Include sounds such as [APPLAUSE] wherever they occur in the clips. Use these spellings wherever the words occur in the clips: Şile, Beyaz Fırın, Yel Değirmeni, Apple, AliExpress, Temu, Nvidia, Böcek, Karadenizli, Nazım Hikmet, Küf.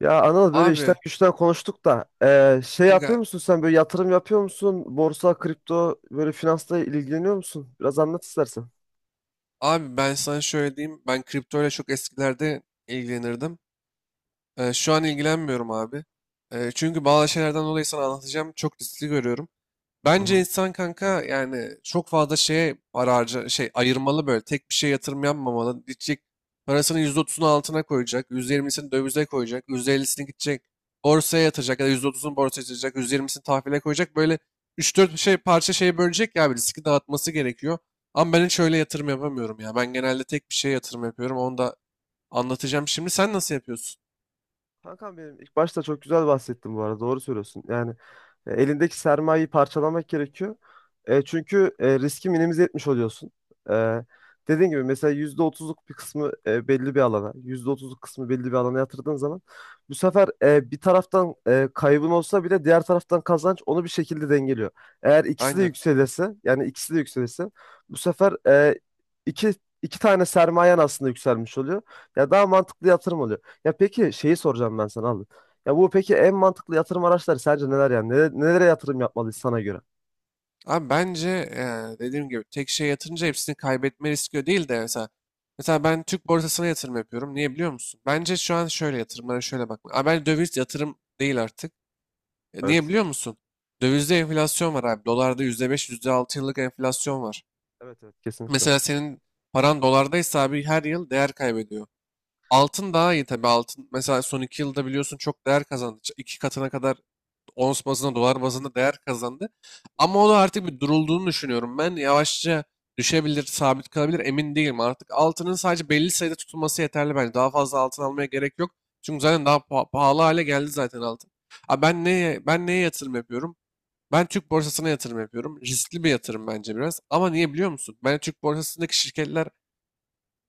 Ya Anıl, böyle işten Abi, güçten konuştuk da şey yapıyor kanka, musun sen, böyle yatırım yapıyor musun? Borsa, kripto, böyle finansla ilgileniyor musun? Biraz anlat istersen. abi, ben sana şöyle diyeyim. Ben kriptoyla çok eskilerde ilgilenirdim. Şu an ilgilenmiyorum abi. Çünkü bazı şeylerden dolayı sana anlatacağım. Çok riskli görüyorum. Hı Bence hı. insan kanka yani çok fazla şeye ararca şey ayırmalı, böyle tek bir şeye yatırım yapmamalı. Gidecek parasının %30'unu altına koyacak, %20'sini dövize koyacak, %50'sini gidecek borsaya yatıracak ya da %30'unu borsaya yatıracak, %20'sini tahvile koyacak. Böyle 3-4 şey parça şeye bölecek ya, bir riski dağıtması gerekiyor. Ama ben hiç öyle yatırım yapamıyorum ya. Ben genelde tek bir şeye yatırım yapıyorum. Onu da anlatacağım şimdi. Sen nasıl yapıyorsun? Kankam benim, ilk başta çok güzel bahsettin bu arada, doğru söylüyorsun. Yani, elindeki sermayeyi parçalamak gerekiyor. Çünkü riski minimize etmiş oluyorsun. E, dediğim gibi, mesela %30'luk bir kısmı belli bir alana, %30'luk kısmı belli bir alana yatırdığın zaman, bu sefer bir taraftan kaybın olsa bile diğer taraftan kazanç onu bir şekilde dengeliyor. Eğer ikisi de Aynen. yükselirse, yani ikisi de yükselirse, bu sefer iki iki tane sermayen aslında yükselmiş oluyor. Ya daha mantıklı yatırım oluyor. Ya peki şeyi soracağım ben sana abi. Ya bu peki en mantıklı yatırım araçları sence neler yani? Nelere yatırım yapmalıyız sana göre? Abi bence dediğim gibi tek şeye yatırınca hepsini kaybetme riski değil de, mesela ben Türk borsasına yatırım yapıyorum. Niye biliyor musun? Bence şu an şöyle, yatırımlara şöyle bakma abi, bence döviz yatırım değil artık. Niye Evet. biliyor musun? Dövizde enflasyon var abi. Dolarda %5, yüzde altı yıllık enflasyon var. Evet, evet, kesinlikle. Hı. Mesela senin paran dolardaysa abi her yıl değer kaybediyor. Altın daha iyi tabii. Altın mesela son iki yılda biliyorsun çok değer kazandı. İki katına kadar ons bazında, dolar bazında değer kazandı. Ama o da artık bir durulduğunu düşünüyorum. Ben yavaşça düşebilir, sabit kalabilir, emin değilim. Artık altının sadece belli sayıda tutulması yeterli bence. Daha fazla altın almaya gerek yok. Çünkü zaten daha pahalı hale geldi zaten altın. Ha, ben neye yatırım yapıyorum? Ben Türk borsasına yatırım yapıyorum. Riskli bir yatırım bence biraz. Ama niye biliyor musun? Ben Türk borsasındaki şirketler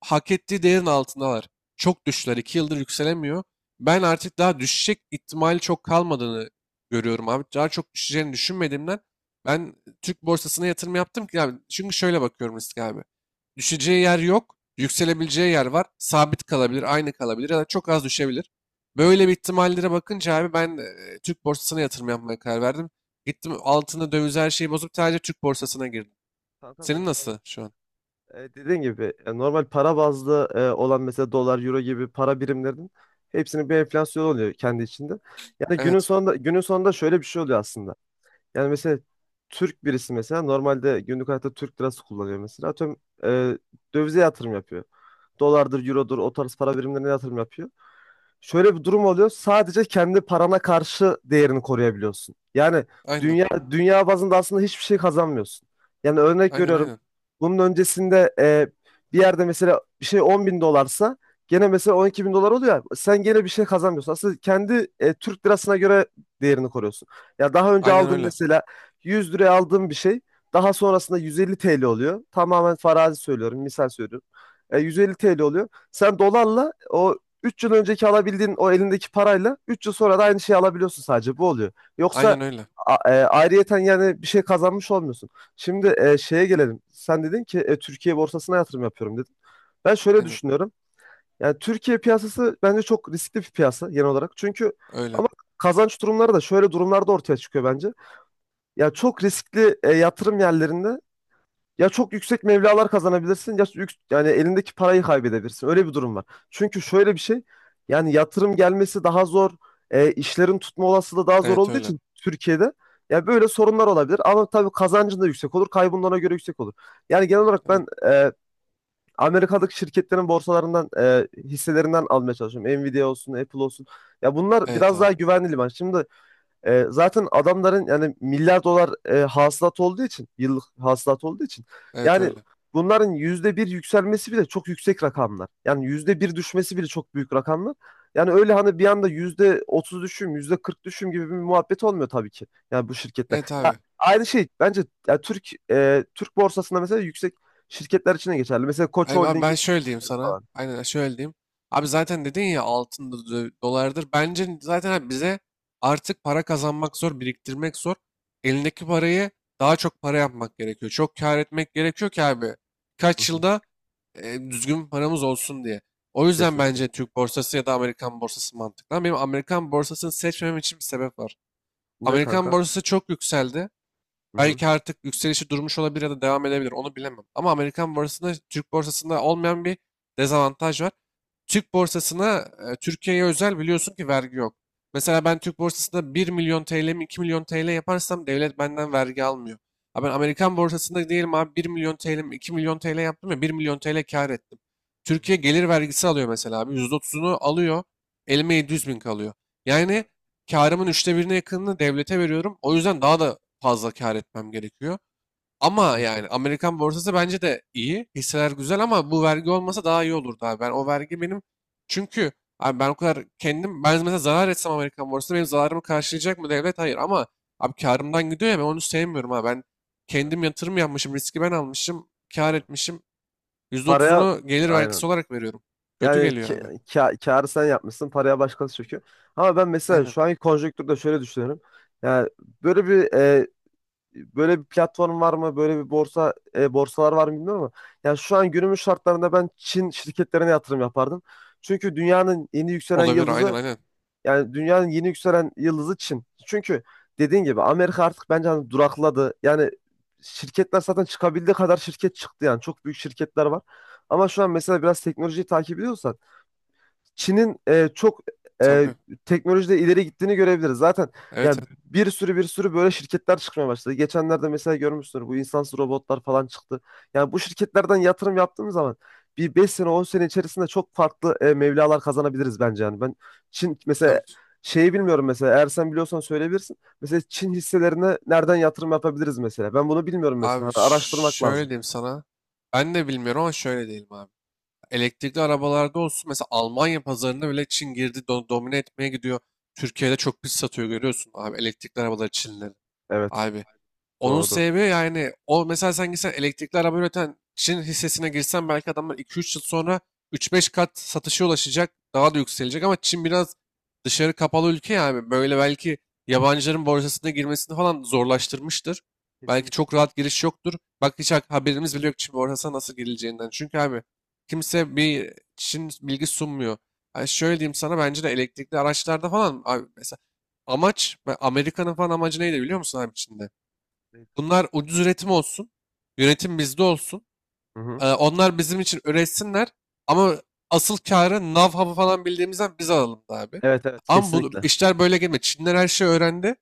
hak ettiği değerin altındalar. Çok düştüler. 2 yıldır yükselemiyor. Ben artık daha düşecek ihtimali çok kalmadığını görüyorum abi. Daha çok düşeceğini düşünmediğimden ben Türk borsasına yatırım yaptım ki abi. Çünkü şöyle bakıyorum risk abi. Düşeceği yer yok. Yükselebileceği yer var. Sabit kalabilir, aynı kalabilir ya da çok az düşebilir. Böyle bir ihtimallere bakınca abi ben Türk borsasına yatırım yapmaya karar verdim. Gittim, altını, döviz, her şeyi bozup sadece Türk borsasına girdim. Kanka Senin benim nasıl aynen. şu an? Dediğin gibi, normal para bazlı olan mesela dolar, euro gibi para birimlerinin hepsinin bir enflasyonu oluyor kendi içinde. Yani günün Evet. sonunda, şöyle bir şey oluyor aslında. Yani mesela Türk birisi mesela normalde günlük hayatta Türk lirası kullanıyor mesela. Atıyorum, e, dövize yatırım yapıyor. Dolardır, eurodur, o tarz para birimlerine yatırım yapıyor. Şöyle bir durum oluyor. Sadece kendi parana karşı değerini koruyabiliyorsun. Yani Aynen. dünya bazında aslında hiçbir şey kazanmıyorsun. Yani örnek Aynen, veriyorum. aynen. Bunun öncesinde, bir yerde mesela bir şey 10 bin dolarsa, gene mesela 12 bin dolar oluyor. Sen gene bir şey kazanmıyorsun. Aslında kendi Türk lirasına göre değerini koruyorsun. Ya daha önce Aynen aldığın öyle. mesela 100 liraya aldığın bir şey, daha sonrasında 150 TL oluyor. Tamamen farazi söylüyorum, misal söylüyorum. 150 TL oluyor. Sen dolarla o 3 yıl önceki alabildiğin o elindeki parayla 3 yıl sonra da aynı şeyi alabiliyorsun, sadece bu oluyor. Yoksa Aynen öyle. Ayrıyeten yani bir şey kazanmış olmuyorsun. Şimdi şeye gelelim. Sen dedin ki, Türkiye borsasına yatırım yapıyorum dedin. Ben şöyle Aynen düşünüyorum. Yani Türkiye piyasası bence çok riskli bir piyasa genel olarak. Çünkü öyle. ama kazanç durumları da şöyle durumlarda ortaya çıkıyor bence. Ya çok riskli yatırım yerlerinde ya çok yüksek mevlalar kazanabilirsin, ya yani elindeki parayı kaybedebilirsin. Öyle bir durum var. Çünkü şöyle bir şey, yani yatırım gelmesi daha zor, işlerin tutma olasılığı daha zor Evet olduğu öyle. için Türkiye'de, ya böyle sorunlar olabilir. Ama tabii kazancın da yüksek olur, kaybın da ona göre yüksek olur. Yani genel olarak Aynen. ben, Amerika'daki şirketlerin borsalarından, hisselerinden almaya çalışıyorum. Nvidia olsun, Apple olsun. Ya bunlar Evet biraz daha abi. güvenli liman. Şimdi zaten adamların yani milyar dolar hasılat olduğu için, yıllık hasılat olduğu için Evet yani, öyle. bunların %1 yükselmesi bile çok yüksek rakamlar. Yani %1 düşmesi bile çok büyük rakamlar. Yani öyle hani bir anda %30 düşüm, %40 düşüm gibi bir muhabbet olmuyor tabii ki. Yani bu şirketler. Evet Ya abi. aynı şey bence, ya Türk borsasında mesela yüksek şirketler için de geçerli. Mesela Koç Abi ben Holding'in şöyle diyeyim şirketleri sana. falan. Aynen, şöyle diyeyim. Abi zaten dedin ya, altındır, dolardır. Bence zaten abi bize artık para kazanmak zor, biriktirmek zor. Elindeki parayı daha çok para yapmak gerekiyor. Çok kâr etmek gerekiyor ki abi. Hı Kaç hı, yılda düzgün paramız olsun diye. O yüzden kesinlikle. bence Türk borsası ya da Amerikan borsası mantıklı. Ama benim Amerikan borsasını seçmemem için bir sebep var. Ne Amerikan kanka? borsası çok yükseldi. Hı hı. Belki artık yükselişi durmuş olabilir ya da devam edebilir. Onu bilemem. Ama Amerikan borsasında Türk borsasında olmayan bir dezavantaj var. Türk borsasına, Türkiye'ye özel biliyorsun ki vergi yok. Mesela Evet. ben Türk borsasında 1 milyon TL mi, 2 milyon TL yaparsam devlet benden vergi almıyor. Ha ben Evet. Amerikan borsasında diyelim abi 1 milyon TL mi 2 milyon TL yaptım ya, 1 milyon TL kar ettim. Hı Türkiye hı. gelir vergisi alıyor mesela abi, %30'unu alıyor. Hı. Elime 700 bin kalıyor. Yani kârımın üçte birine yakınını devlete veriyorum. O yüzden daha da fazla kar etmem gerekiyor. Ama Kesinlikle. yani Amerikan borsası bence de iyi. Hisseler güzel ama bu vergi olmasa daha iyi olurdu abi. Ben o vergi benim, çünkü abi ben o kadar kendim, ben mesela zarar etsem Amerikan borsası benim zararımı karşılayacak mı devlet? Hayır, ama abi kârımdan gidiyor ya, ben onu sevmiyorum ha. Ben kendim Evet. yatırım yapmışım, riski ben almışım, kar Doğru. etmişim, yüzde Paraya otuzunu gelir vergisi aynen. olarak veriyorum. Kötü Yani geliyor ki, abi. Kârı sen yapmışsın, paraya başkası çöküyor. Ama ben mesela Aynen. şu anki konjonktürde şöyle düşünüyorum. Yani böyle bir e, böyle bir platform var mı? Böyle bir borsa, borsalar var mı bilmiyorum ama yani şu an günümüz şartlarında ben Çin şirketlerine yatırım yapardım. Çünkü dünyanın yeni yükselen Olabilir, aynen yıldızı, aynen. yani dünyanın yeni yükselen yıldızı Çin. Çünkü dediğin gibi Amerika artık bence hani durakladı. Yani şirketler zaten çıkabildiği kadar şirket çıktı yani. Çok büyük şirketler var. Ama şu an mesela biraz teknolojiyi takip ediyorsan, Çin'in çok e, Tabii. teknolojide ileri gittiğini görebiliriz. Zaten Evet yani evet. bir sürü bir sürü böyle şirketler çıkmaya başladı. Geçenlerde mesela görmüşsünüz, bu insansız robotlar falan çıktı. Yani bu şirketlerden yatırım yaptığımız zaman bir 5 sene 10 sene içerisinde çok farklı mevlalar kazanabiliriz bence yani. Ben Çin mesela Tabii. şeyi bilmiyorum mesela, eğer sen biliyorsan söyleyebilirsin. Mesela Çin hisselerine nereden yatırım yapabiliriz mesela? Ben bunu bilmiyorum mesela. Abi Hani araştırmak şöyle lazım. diyeyim sana. Ben de bilmiyorum ama şöyle diyelim abi. Elektrikli arabalarda olsun, mesela Almanya pazarında bile Çin girdi, domine etmeye gidiyor. Türkiye'de çok pis satıyor, görüyorsun abi, elektrikli arabalar Çinlerin. Evet, Abi onun doğrudur. sebebi, yani o mesela sen gitsen elektrikli araba üreten Çin hissesine girsen belki adamlar 2-3 yıl sonra 3-5 kat satışa ulaşacak. Daha da yükselecek ama Çin biraz dışarı kapalı ülke yani. Böyle belki yabancıların borsasına girmesini falan zorlaştırmıştır. Belki Kesinlikle. çok rahat giriş yoktur. Bak, hiç haberimiz bile yok Çin borsasına nasıl girileceğinden. Çünkü abi Ya, kimse bir Çin bilgi sunmuyor. Yani şöyle diyeyim sana, bence de elektrikli araçlarda falan abi, mesela amaç ve Amerika'nın falan amacı neydi biliyor musun abi Çin'de? e, Bunlar ucuz üretim olsun. Yönetim bizde olsun. hı hı. Onlar bizim için üretsinler. Ama asıl karı nav hapı falan bildiğimizden biz alalım da abi. Evet, evet, Ama bu kesinlikle. işler böyle gelmiyor. Çinler her şeyi öğrendi.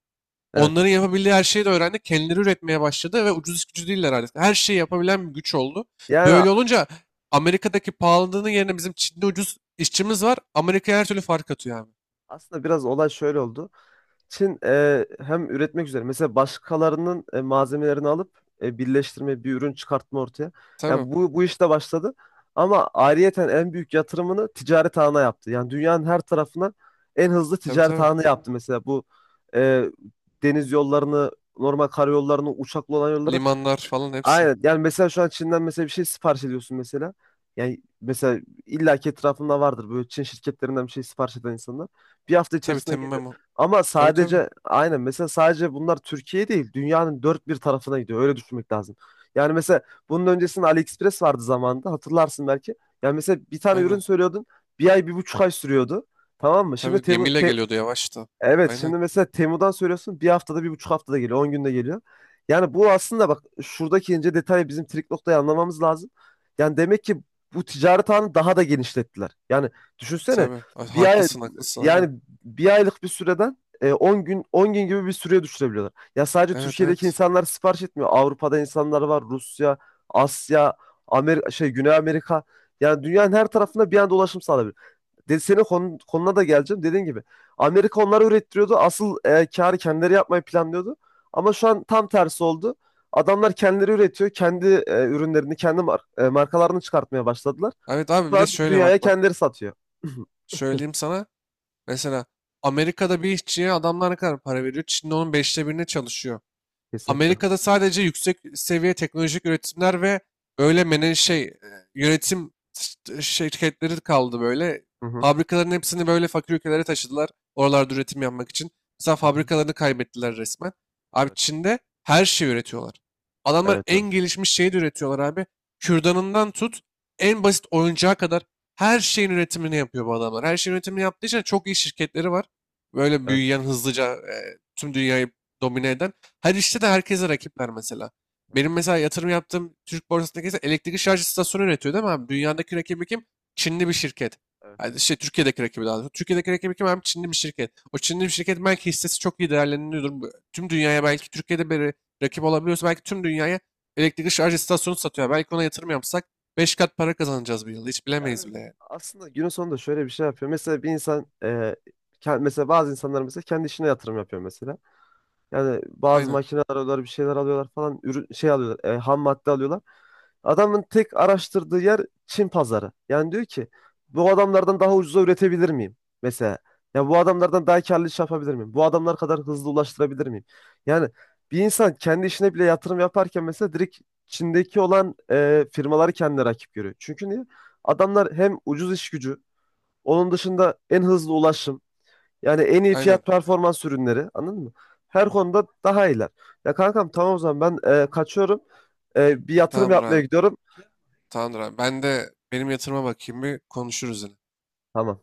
Evet. Onların yapabildiği her şeyi de öğrendi. Kendileri üretmeye başladı ve ucuz iş gücü değiller artık. Her şeyi yapabilen bir güç oldu. Yani, Böyle olunca Amerika'daki pahalılığının yerine bizim Çin'de ucuz işçimiz var. Amerika'ya her türlü fark atıyor abi. aslında biraz olay şöyle oldu. Çin hem üretmek üzere mesela başkalarının malzemelerini alıp birleştirme bir ürün çıkartma ortaya. Tabii. Yani bu işte başladı. Ama ayrıyeten en büyük yatırımını ticaret ağına yaptı. Yani dünyanın her tarafına en hızlı Tabii ticaret tabii. ağını yaptı mesela, bu e, deniz yollarını, normal karayollarını, uçaklı olan yolları. Limanlar falan hepsi. Aynen. Yani mesela şu an Çin'den mesela bir şey sipariş ediyorsun mesela. Yani mesela illaki etrafında vardır böyle Çin şirketlerinden bir şey sipariş eden insanlar. Bir hafta Tabii, içerisinde geliyor. temmem. Ama Tabii tabii. sadece aynen mesela, sadece bunlar Türkiye değil, dünyanın dört bir tarafına gidiyor. Öyle düşünmek lazım. Yani mesela bunun öncesinde AliExpress vardı zamanında, hatırlarsın belki. Yani mesela bir tane ürün Aynen. söylüyordun, bir ay bir buçuk ay sürüyordu. Tamam mı? Şimdi Tabii, Temu, gemiyle geliyordu yavaşta. evet, Aynen. şimdi mesela Temu'dan söylüyorsun bir haftada, bir buçuk haftada geliyor, 10 günde geliyor. Yani bu aslında, bak şuradaki ince detayı, bizim trik noktayı anlamamız lazım. Yani demek ki bu ticaret ağını daha da genişlettiler. Yani düşünsene Tabii. Ha- bir ay, Haklısın haklısın, aynen. yani bir aylık bir süreden, 10 gün 10 gün gibi bir süreye düşürebiliyorlar. Ya sadece Evet Türkiye'deki evet. insanlar sipariş etmiyor. Avrupa'da insanlar var, Rusya, Asya, Amerika, şey Güney Amerika. Yani dünyanın her tarafında bir anda ulaşım sağlayabilir. Dedi, senin konuna da geleceğim. Dediğin gibi Amerika onları ürettiriyordu. Asıl karı kendileri yapmayı planlıyordu. Ama şu an tam tersi oldu. Adamlar kendileri üretiyor. Kendi ürünlerini, kendi markalarını çıkartmaya başladılar. Evet abi, Şu bir an de şöyle dünyaya bak bak. kendileri satıyor. Söyleyeyim sana. Mesela Amerika'da bir işçiye adamlar ne kadar para veriyor? Çin'de onun beşte birine çalışıyor. [LAUGHS] Kesinlikle. Amerika'da sadece yüksek seviye teknolojik üretimler ve böyle mene şey, yönetim şirketleri kaldı böyle. Hı hı. Fabrikaların hepsini böyle fakir ülkelere taşıdılar. Oralarda üretim yapmak için. Mesela Hı hı. fabrikalarını kaybettiler resmen. Abi Evet. Çin'de her şeyi üretiyorlar. Adamlar Evet, en evet. gelişmiş şeyi de üretiyorlar abi. Kürdanından tut en basit oyuncağa kadar her şeyin üretimini yapıyor bu adamlar. Her şeyin üretimini yaptığı için çok iyi şirketleri var. Böyle Evet, büyüyen, hızlıca tüm dünyayı domine eden. Her işte de herkese rakipler mesela. evet, Benim mesela yatırım yaptığım Türk borsasındaki ise elektrikli şarj istasyonu üretiyor değil mi abi? Dünyadaki rakibi kim? Çinli bir şirket. evet, Yani evet. şey, Türkiye'deki rakibi daha doğrusu. Türkiye'deki rakibi kim abi? Çinli bir şirket. O Çinli bir şirket belki hissesi çok iyi değerleniyordur. Tüm dünyaya belki, Türkiye'de bir rakip olabiliyorsa belki tüm dünyaya elektrikli şarj istasyonu satıyor. Belki ona yatırım yapsak 5 kat para kazanacağız bir yılda. Hiç bilemeyiz Yani bile yani. aslında günün sonunda şöyle bir şey yapıyor. Mesela bir insan, mesela bazı insanlar mesela kendi işine yatırım yapıyor mesela. Yani bazı Aynen. makineler alıyorlar, bir şeyler alıyorlar falan, ürün şey alıyorlar, ham madde alıyorlar. Adamın tek araştırdığı yer Çin pazarı. Yani diyor ki bu adamlardan daha ucuza üretebilir miyim? Mesela ya bu adamlardan daha karlı iş yapabilir miyim? Bu adamlar kadar hızlı ulaştırabilir miyim? Yani bir insan kendi işine bile yatırım yaparken mesela direkt Çin'deki olan firmaları kendine rakip görüyor. Çünkü niye? Adamlar hem ucuz iş gücü, onun dışında en hızlı ulaşım. Yani en iyi Aynen. fiyat performans ürünleri, anladın mı? Her konuda daha iyiler. Ya kankam, tamam o zaman ben kaçıyorum. Bir yatırım Tamamdır yapmaya abi. gidiyorum. Tamamdır abi. Ben de benim yatırıma bakayım, bir konuşuruz yine. Tamam.